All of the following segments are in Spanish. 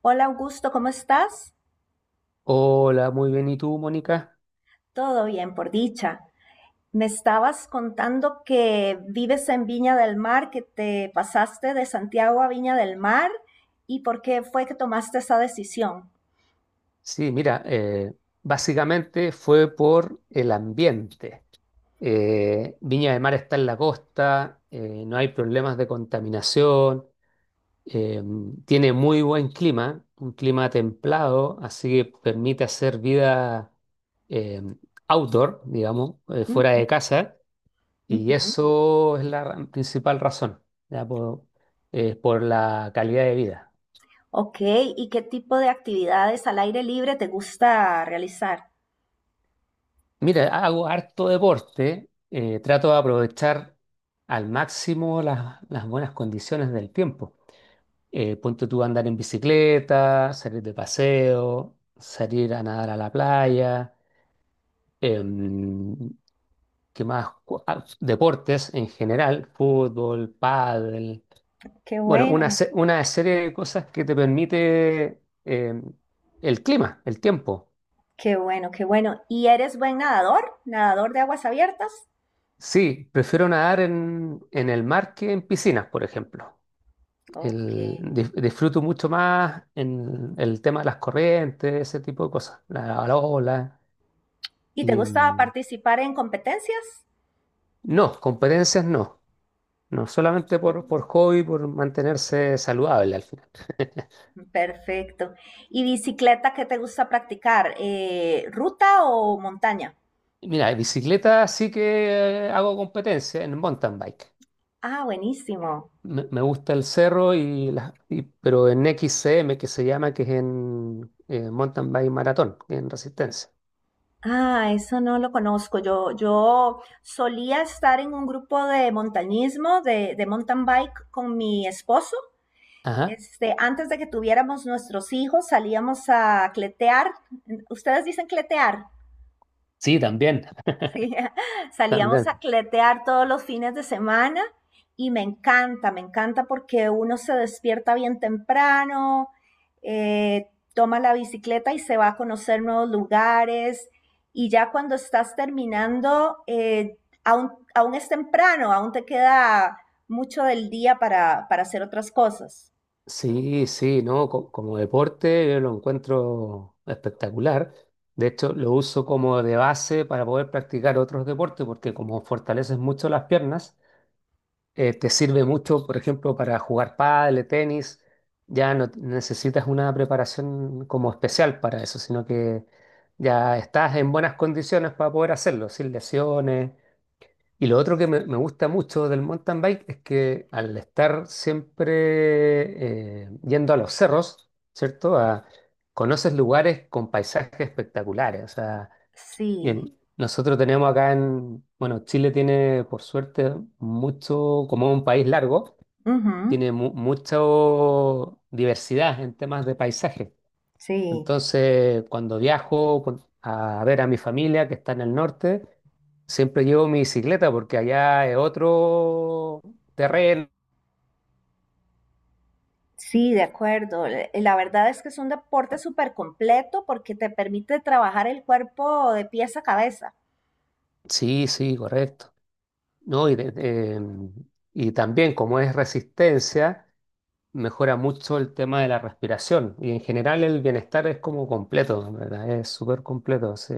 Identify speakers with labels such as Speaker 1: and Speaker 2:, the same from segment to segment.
Speaker 1: Hola Augusto, ¿cómo estás?
Speaker 2: Hola, muy bien. ¿Y tú, Mónica?
Speaker 1: Todo bien, por dicha. Me estabas contando que vives en Viña del Mar, que te pasaste de Santiago a Viña del Mar y por qué fue que tomaste esa decisión.
Speaker 2: Sí, mira, básicamente fue por el ambiente. Viña del Mar está en la costa, no hay problemas de contaminación, eh, tiene muy buen clima, un clima templado, así que permite hacer vida eh, outdoor, digamos, fuera de
Speaker 1: Ujú,
Speaker 2: casa, y
Speaker 1: ujú.
Speaker 2: eso es principal razón, ya, por la calidad de vida.
Speaker 1: Ok, ¿y qué tipo de actividades al aire libre te gusta realizar?
Speaker 2: Mira, hago harto deporte, trato de aprovechar al máximo las buenas condiciones del tiempo. Ponte tú a andar en bicicleta, salir de paseo, salir a nadar a la playa, em, ¿qué más? Deportes en general, fútbol, pádel.
Speaker 1: Qué
Speaker 2: Bueno,
Speaker 1: bueno,
Speaker 2: una serie de cosas que te permite el clima, el tiempo.
Speaker 1: qué bueno, qué bueno. ¿Y eres buen nadador? ¿Nadador de aguas abiertas?
Speaker 2: Sí, prefiero nadar en el mar que en piscinas, por ejemplo.
Speaker 1: Ok.
Speaker 2: Disfruto mucho más en el tema de las corrientes, ese tipo de cosas, la ola.
Speaker 1: ¿Y te
Speaker 2: Y,
Speaker 1: gusta participar en competencias?
Speaker 2: no, competencias no. No, solamente por hobby, por mantenerse saludable al final.
Speaker 1: Perfecto. ¿Y bicicleta qué te gusta practicar? ¿ruta o montaña?
Speaker 2: Mira, en bicicleta sí que hago competencia en mountain bike.
Speaker 1: Ah, buenísimo.
Speaker 2: Me gusta el cerro, y, pero en XCM, que se llama, que es en mountain bike maratón, en resistencia.
Speaker 1: Ah, eso no lo conozco. Yo solía estar en un grupo de montañismo, de mountain bike con mi esposo.
Speaker 2: Ajá.
Speaker 1: Este, antes de que tuviéramos nuestros hijos, salíamos a cletear. ¿Ustedes dicen cletear?
Speaker 2: Sí, también.
Speaker 1: Sí, salíamos a
Speaker 2: También.
Speaker 1: cletear todos los fines de semana y me encanta porque uno se despierta bien temprano, eh, toma la bicicleta y se va a conocer nuevos lugares y ya cuando estás terminando, aún es temprano, aún te queda mucho del día para hacer otras cosas.
Speaker 2: Sí, sí, no, como deporte yo lo encuentro espectacular. De hecho, lo uso como de base para poder practicar otros deportes, porque como fortaleces mucho las piernas, te sirve mucho, por ejemplo, para jugar pádel, tenis. Ya no necesitas una preparación como especial para eso, sino que ya estás en buenas condiciones para poder hacerlo, sin lesiones. Y lo otro que me gusta mucho del mountain bike es que al estar siempre yendo a los cerros, ¿cierto? Conoces lugares con paisajes espectaculares. O sea,
Speaker 1: Sí,
Speaker 2: bien, nosotros tenemos acá en, bueno, Chile tiene por suerte mucho, como es un país largo,
Speaker 1: ujú,
Speaker 2: tiene mucha diversidad en temas de paisajes.
Speaker 1: sí.
Speaker 2: Entonces, cuando viajo a ver a mi familia que está en el norte, siempre llevo mi bicicleta porque allá es otro terreno.
Speaker 1: Sí, de acuerdo. La verdad es que es un deporte súper completo porque te permite trabajar el cuerpo de pies a cabeza.
Speaker 2: Sí, sí, correcto. No, y también como es resistencia, mejora mucho el tema de la respiración. Y en general el bienestar es como completo, ¿en verdad? Es súper completo, sí.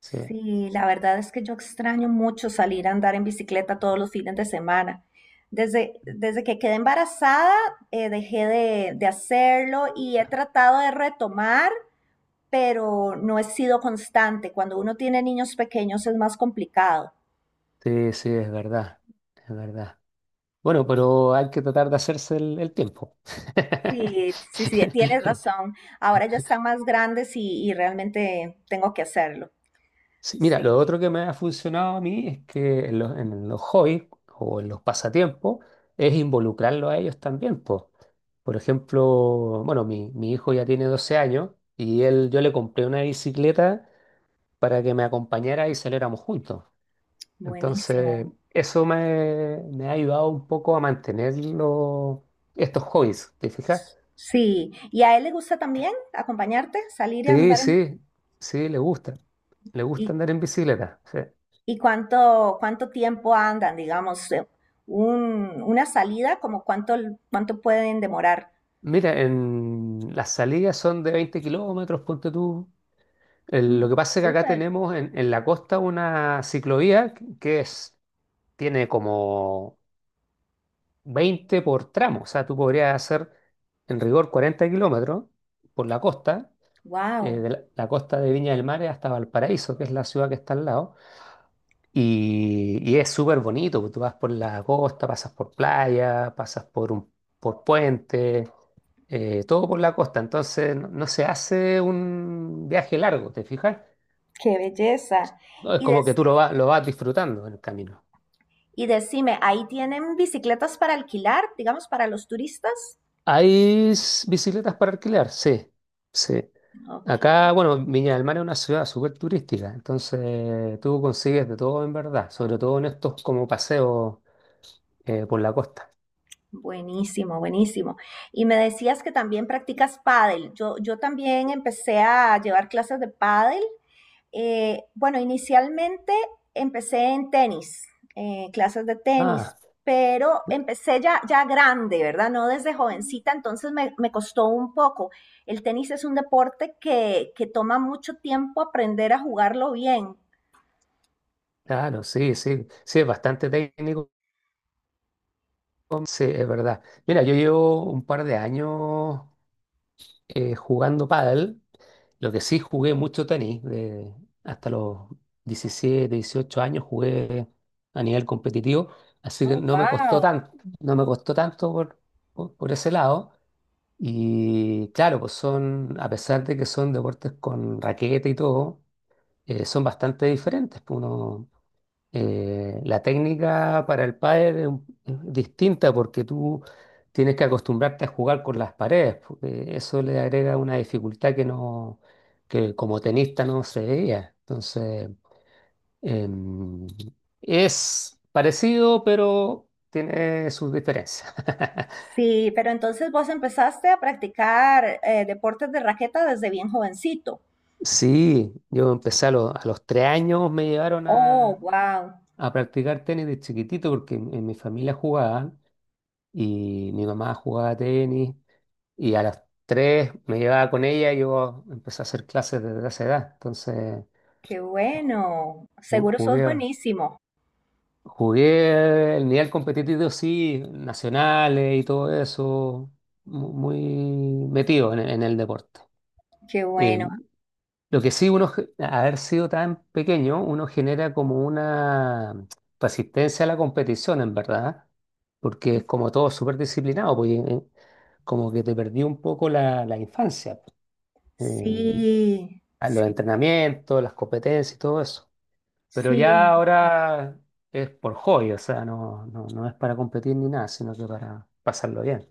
Speaker 2: Sí,
Speaker 1: Sí, la verdad es que yo extraño mucho salir a andar en bicicleta todos los fines de semana. Desde que quedé embarazada, dejé de hacerlo y he tratado de retomar, pero no he sido constante. Cuando uno tiene niños pequeños es más complicado.
Speaker 2: sí, sí, es verdad. Es verdad. Bueno, pero hay que tratar de hacerse el tiempo.
Speaker 1: Sí, sí, sí, tienes razón. Ahora ya están más grandes y realmente tengo que hacerlo.
Speaker 2: Sí, mira, lo
Speaker 1: Sí,
Speaker 2: otro que me ha funcionado a mí es que en los hobbies o en los pasatiempos es involucrarlo a ellos también, po. Por ejemplo, bueno, mi hijo ya tiene 12 años y él, yo le compré una bicicleta para que me acompañara y saliéramos juntos. Entonces,
Speaker 1: buenísimo.
Speaker 2: eso me ha ayudado un poco a mantener estos hobbies, ¿te fijas?
Speaker 1: Sí, ¿y a él le gusta también acompañarte, salir y
Speaker 2: Sí,
Speaker 1: andar?
Speaker 2: sí, sí, le gusta. Le gusta
Speaker 1: ¿Y,
Speaker 2: andar en bicicleta. Sí.
Speaker 1: y cuánto tiempo andan, digamos, una salida, como cuánto, cuánto pueden demorar?
Speaker 2: Mira, en las salidas son de 20 kilómetros, ponte tú.
Speaker 1: Mm,
Speaker 2: Lo que pasa es que acá
Speaker 1: súper,
Speaker 2: tenemos en la costa una ciclovía que es, tiene como 20 por tramo. O sea, tú podrías hacer en rigor 40 kilómetros por la costa,
Speaker 1: wow,
Speaker 2: de la costa de Viña del Mar hasta Valparaíso, que es la ciudad que está al lado. Y es súper bonito, porque tú vas por la costa, pasas por playa, pasas por puente. Todo por la costa, entonces no se hace un viaje largo, ¿te fijas?
Speaker 1: qué belleza.
Speaker 2: No, es
Speaker 1: Y,
Speaker 2: como que
Speaker 1: des-
Speaker 2: tú lo vas disfrutando en el camino.
Speaker 1: y decime, ¿ahí tienen bicicletas para alquilar, digamos, para los turistas?
Speaker 2: ¿Hay bicicletas para alquilar? Sí, sí.
Speaker 1: Ok.
Speaker 2: Acá, bueno, Viña del Mar es una ciudad súper turística, entonces tú consigues de todo en verdad, sobre todo en estos como paseos por la costa.
Speaker 1: Buenísimo, buenísimo. Y me decías que también practicas pádel. Yo también empecé a llevar clases de pádel. Bueno, inicialmente empecé en tenis, clases de
Speaker 2: Ah,
Speaker 1: tenis, pero empecé ya grande, ¿verdad? No desde jovencita, entonces me costó un poco. El tenis es un deporte que toma mucho tiempo aprender a jugarlo bien.
Speaker 2: claro, sí, sí, sí, es bastante técnico, sí, es verdad. Mira, yo llevo un par de años jugando pádel. Lo que sí jugué mucho tenis, hasta los 17, 18 años jugué a nivel competitivo, así que
Speaker 1: Oh,
Speaker 2: no me costó
Speaker 1: wow.
Speaker 2: tanto, no me costó tanto por ese lado. Y claro, pues son, a pesar de que son deportes con raqueta y todo, son bastante diferentes. Pues, uno, la técnica para el pádel es distinta porque tú tienes que acostumbrarte a jugar con las paredes, porque eso le agrega una dificultad que no, que como tenista no se veía. Entonces, em, es parecido, pero tiene sus diferencias.
Speaker 1: Sí, pero entonces vos empezaste a practicar deportes de raqueta desde bien jovencito.
Speaker 2: Sí, yo empecé a los 3 años, me llevaron
Speaker 1: Oh, wow,
Speaker 2: a practicar tenis de chiquitito porque en mi familia jugaban y mi mamá jugaba tenis. Y a las 3 me llevaba con ella y yo empecé a hacer clases desde esa edad. Entonces
Speaker 1: qué bueno. Seguro sos
Speaker 2: jugué,
Speaker 1: buenísimo.
Speaker 2: jugué el nivel competitivo, sí, nacionales y todo eso, muy metido en el deporte.
Speaker 1: Qué
Speaker 2: Eh,
Speaker 1: bueno.
Speaker 2: lo que sí, uno, a haber sido tan pequeño, uno genera como una resistencia a la competición, en verdad, porque es como todo súper disciplinado, pues, como que te perdí un poco la infancia, pues. Eh,
Speaker 1: Sí,
Speaker 2: a
Speaker 1: sí,
Speaker 2: los entrenamientos, las competencias y todo eso. Pero ya
Speaker 1: sí.
Speaker 2: ahora es por hobby, o sea, no es para competir ni nada, sino que para pasarlo bien.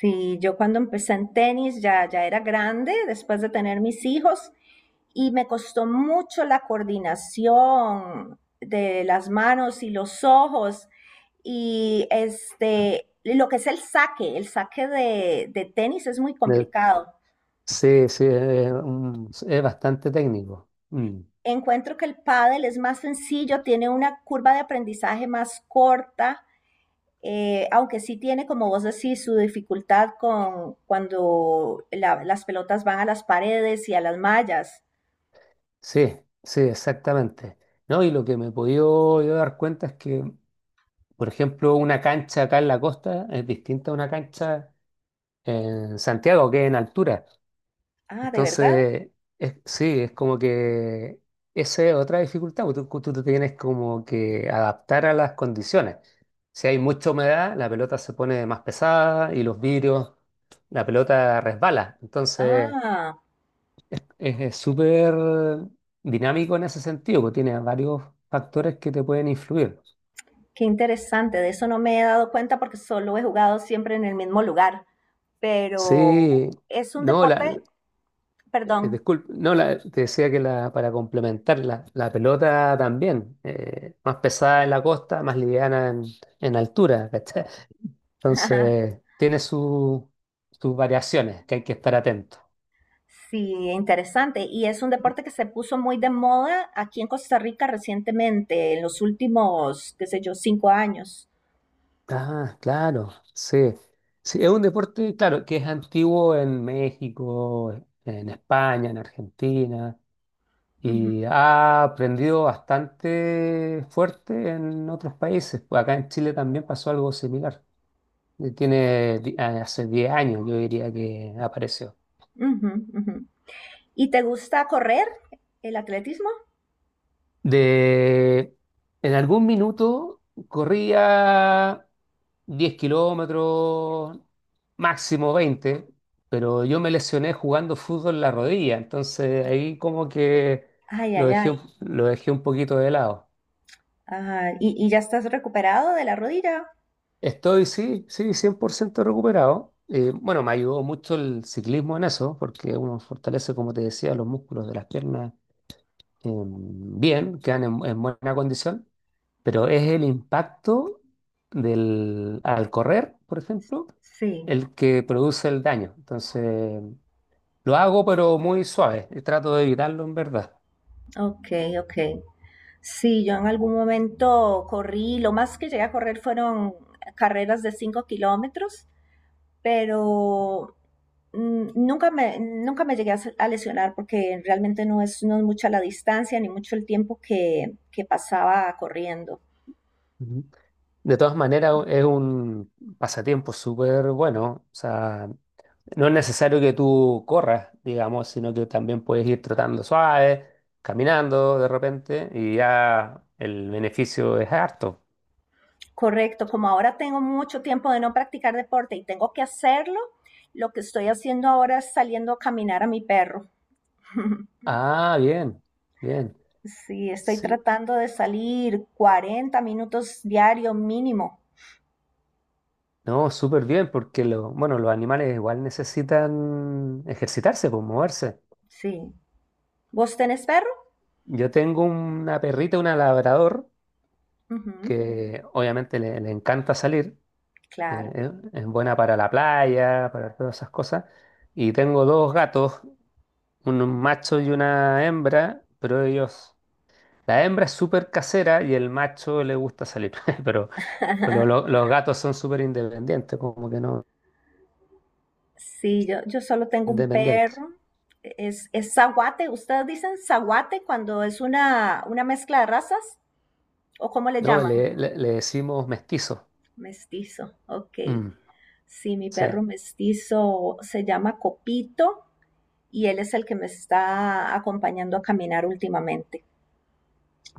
Speaker 1: Sí, yo cuando empecé en tenis ya era grande, después de tener mis hijos, y me costó mucho la coordinación de las manos y los ojos, y este, lo que es el saque de tenis es muy
Speaker 2: Eh,
Speaker 1: complicado.
Speaker 2: Sí, sí, es, es bastante técnico. Mm.
Speaker 1: Encuentro que el pádel es más sencillo, tiene una curva de aprendizaje más corta. Aunque sí tiene, como vos decís, su dificultad con cuando las pelotas van a las paredes y a las mallas.
Speaker 2: Sí, sí, exactamente. ¿No? Y lo que me he podido yo dar cuenta es que, por ejemplo, una cancha acá en la costa es distinta a una cancha en Santiago, que es en altura.
Speaker 1: Ah, ¿de verdad?
Speaker 2: Entonces, sí, es como que esa es otra dificultad, porque tú te tienes como que adaptar a las condiciones. Si hay mucha humedad, la pelota se pone más pesada y los vidrios, la pelota resbala. Entonces,
Speaker 1: Ah,
Speaker 2: es súper dinámico en ese sentido, porque tiene varios factores que te pueden influir.
Speaker 1: qué interesante. De eso no me he dado cuenta porque solo he jugado siempre en el mismo lugar. Pero
Speaker 2: Sí,
Speaker 1: es un
Speaker 2: no,
Speaker 1: deporte, perdón.
Speaker 2: disculpe, no, te decía que la, para complementar, la pelota también, más pesada en la costa, más liviana en altura, ¿cachai? Entonces, tiene sus variaciones que hay que estar atento.
Speaker 1: Sí, interesante. Y es un deporte que se puso muy de moda aquí en Costa Rica recientemente, en los últimos, qué sé yo, 5 años.
Speaker 2: Ah, claro, sí. Sí, es un deporte, claro, que es antiguo en México, en España, en Argentina,
Speaker 1: Ujú,
Speaker 2: y ha aprendido bastante fuerte en otros países. Pues acá en Chile también pasó algo similar. Hace 10 años, yo diría que apareció.
Speaker 1: ujú, ujú. ¿Y te gusta correr el atletismo?
Speaker 2: De, en algún minuto corría 10 kilómetros, máximo 20, pero yo me lesioné jugando fútbol en la rodilla, entonces ahí como que
Speaker 1: Ay, ay, ay.
Speaker 2: lo dejé un poquito de lado.
Speaker 1: Ajá. Y ya estás recuperado de la rodilla?
Speaker 2: Estoy, sí, sí, 100% recuperado. Bueno, me ayudó mucho el ciclismo en eso, porque uno fortalece, como te decía, los músculos de las piernas, bien, quedan en buena condición, pero es el impacto al correr, por ejemplo,
Speaker 1: Sí,
Speaker 2: el que produce el daño. Entonces, lo hago, pero muy suave, y trato de evitarlo en verdad.
Speaker 1: ok, ok. Sí, yo en algún momento corrí, lo más que llegué a correr fueron carreras de 5 kilómetros, pero mm, nunca me llegué a, a lesionar porque realmente no es, no es mucha la distancia ni mucho el tiempo que pasaba corriendo.
Speaker 2: Ujú. De todas maneras, es un pasatiempo súper bueno. O sea, no es necesario que tú corras, digamos, sino que también puedes ir trotando suave, caminando de repente, y ya el beneficio es harto.
Speaker 1: Correcto, como ahora tengo mucho tiempo de no practicar deporte y tengo que hacerlo, lo que estoy haciendo ahora es saliendo a caminar a mi perro.
Speaker 2: Ah, bien, bien.
Speaker 1: Sí, estoy
Speaker 2: Sí.
Speaker 1: tratando de salir 40 minutos diario mínimo.
Speaker 2: No, súper bien, porque bueno, los animales igual necesitan ejercitarse, pues moverse.
Speaker 1: Sí. ¿Vos tenés perro?
Speaker 2: Yo tengo una perrita, una labrador,
Speaker 1: Ujú,
Speaker 2: que obviamente le encanta salir, eh,
Speaker 1: claro.
Speaker 2: es buena para la playa, para todas esas cosas. Y tengo dos gatos, un macho y una hembra, pero ellos. La hembra es súper casera y el macho le gusta salir, pero, pero los gatos son súper independientes, como que no,
Speaker 1: Sí, yo solo tengo un
Speaker 2: independientes.
Speaker 1: perro. Es zaguate. ¿Ustedes dicen zaguate cuando es una mezcla de razas? ¿O cómo le
Speaker 2: No,
Speaker 1: llaman?
Speaker 2: le decimos mestizo.
Speaker 1: Mestizo, ok.
Speaker 2: Mm,
Speaker 1: Sí, mi
Speaker 2: sí,
Speaker 1: perro mestizo se llama Copito y él es el que me está acompañando a caminar últimamente.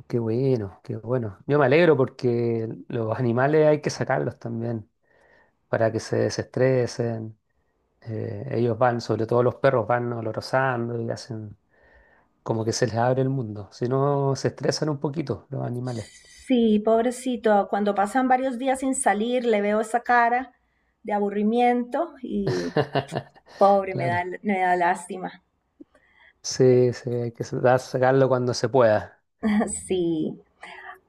Speaker 2: qué bueno, qué bueno. Yo me alegro porque los animales hay que sacarlos también para que se desestresen. Ellos van, sobre todo los perros, van olorosando y hacen como que se les abre el mundo. Si no, se estresan un poquito los animales.
Speaker 1: Sí, pobrecito, cuando pasan varios días sin salir, le veo esa cara de aburrimiento y pobre,
Speaker 2: Claro.
Speaker 1: me da lástima.
Speaker 2: Sí, sí, hay que sacarlo cuando se pueda.
Speaker 1: Sí.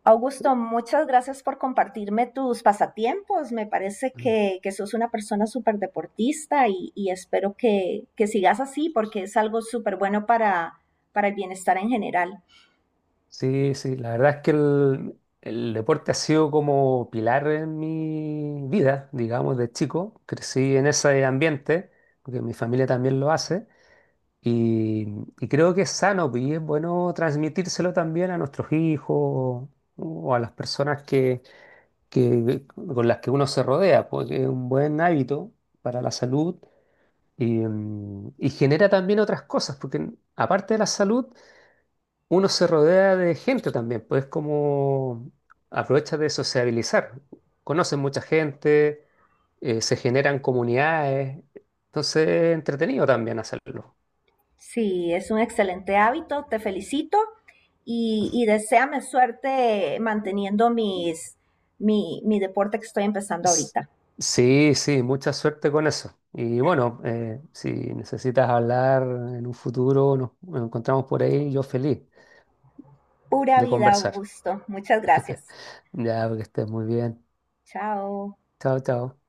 Speaker 1: Augusto, muchas gracias por compartirme tus pasatiempos. Me parece
Speaker 2: Mm.
Speaker 1: que sos una persona súper deportista y espero que sigas así porque es algo súper bueno para el bienestar en general.
Speaker 2: Sí, sí, la verdad es que el deporte ha sido como pilar en mi vida, digamos, de chico. Crecí en ese ambiente, porque mi familia también lo hace, y, y creo que es sano pues, y es bueno transmitírselo también a nuestros hijos o a las personas que, con las que uno se rodea, porque es un buen hábito para la salud y genera también otras cosas, porque aparte de la salud uno se rodea de gente también, pues como aprovecha de sociabilizar. Conocen mucha gente, se generan comunidades, entonces es entretenido también hacerlo.
Speaker 1: Sí, es un excelente hábito, te felicito y deséame suerte manteniendo mis, mi deporte que estoy empezando
Speaker 2: S-
Speaker 1: ahorita.
Speaker 2: Sí, sí, mucha suerte con eso. Y bueno, si necesitas hablar en un futuro, nos encontramos por ahí, yo feliz
Speaker 1: Pura
Speaker 2: de
Speaker 1: vida,
Speaker 2: conversar.
Speaker 1: Augusto. Muchas gracias.
Speaker 2: Ya, que estés muy bien.
Speaker 1: Chao.
Speaker 2: Chao, chao.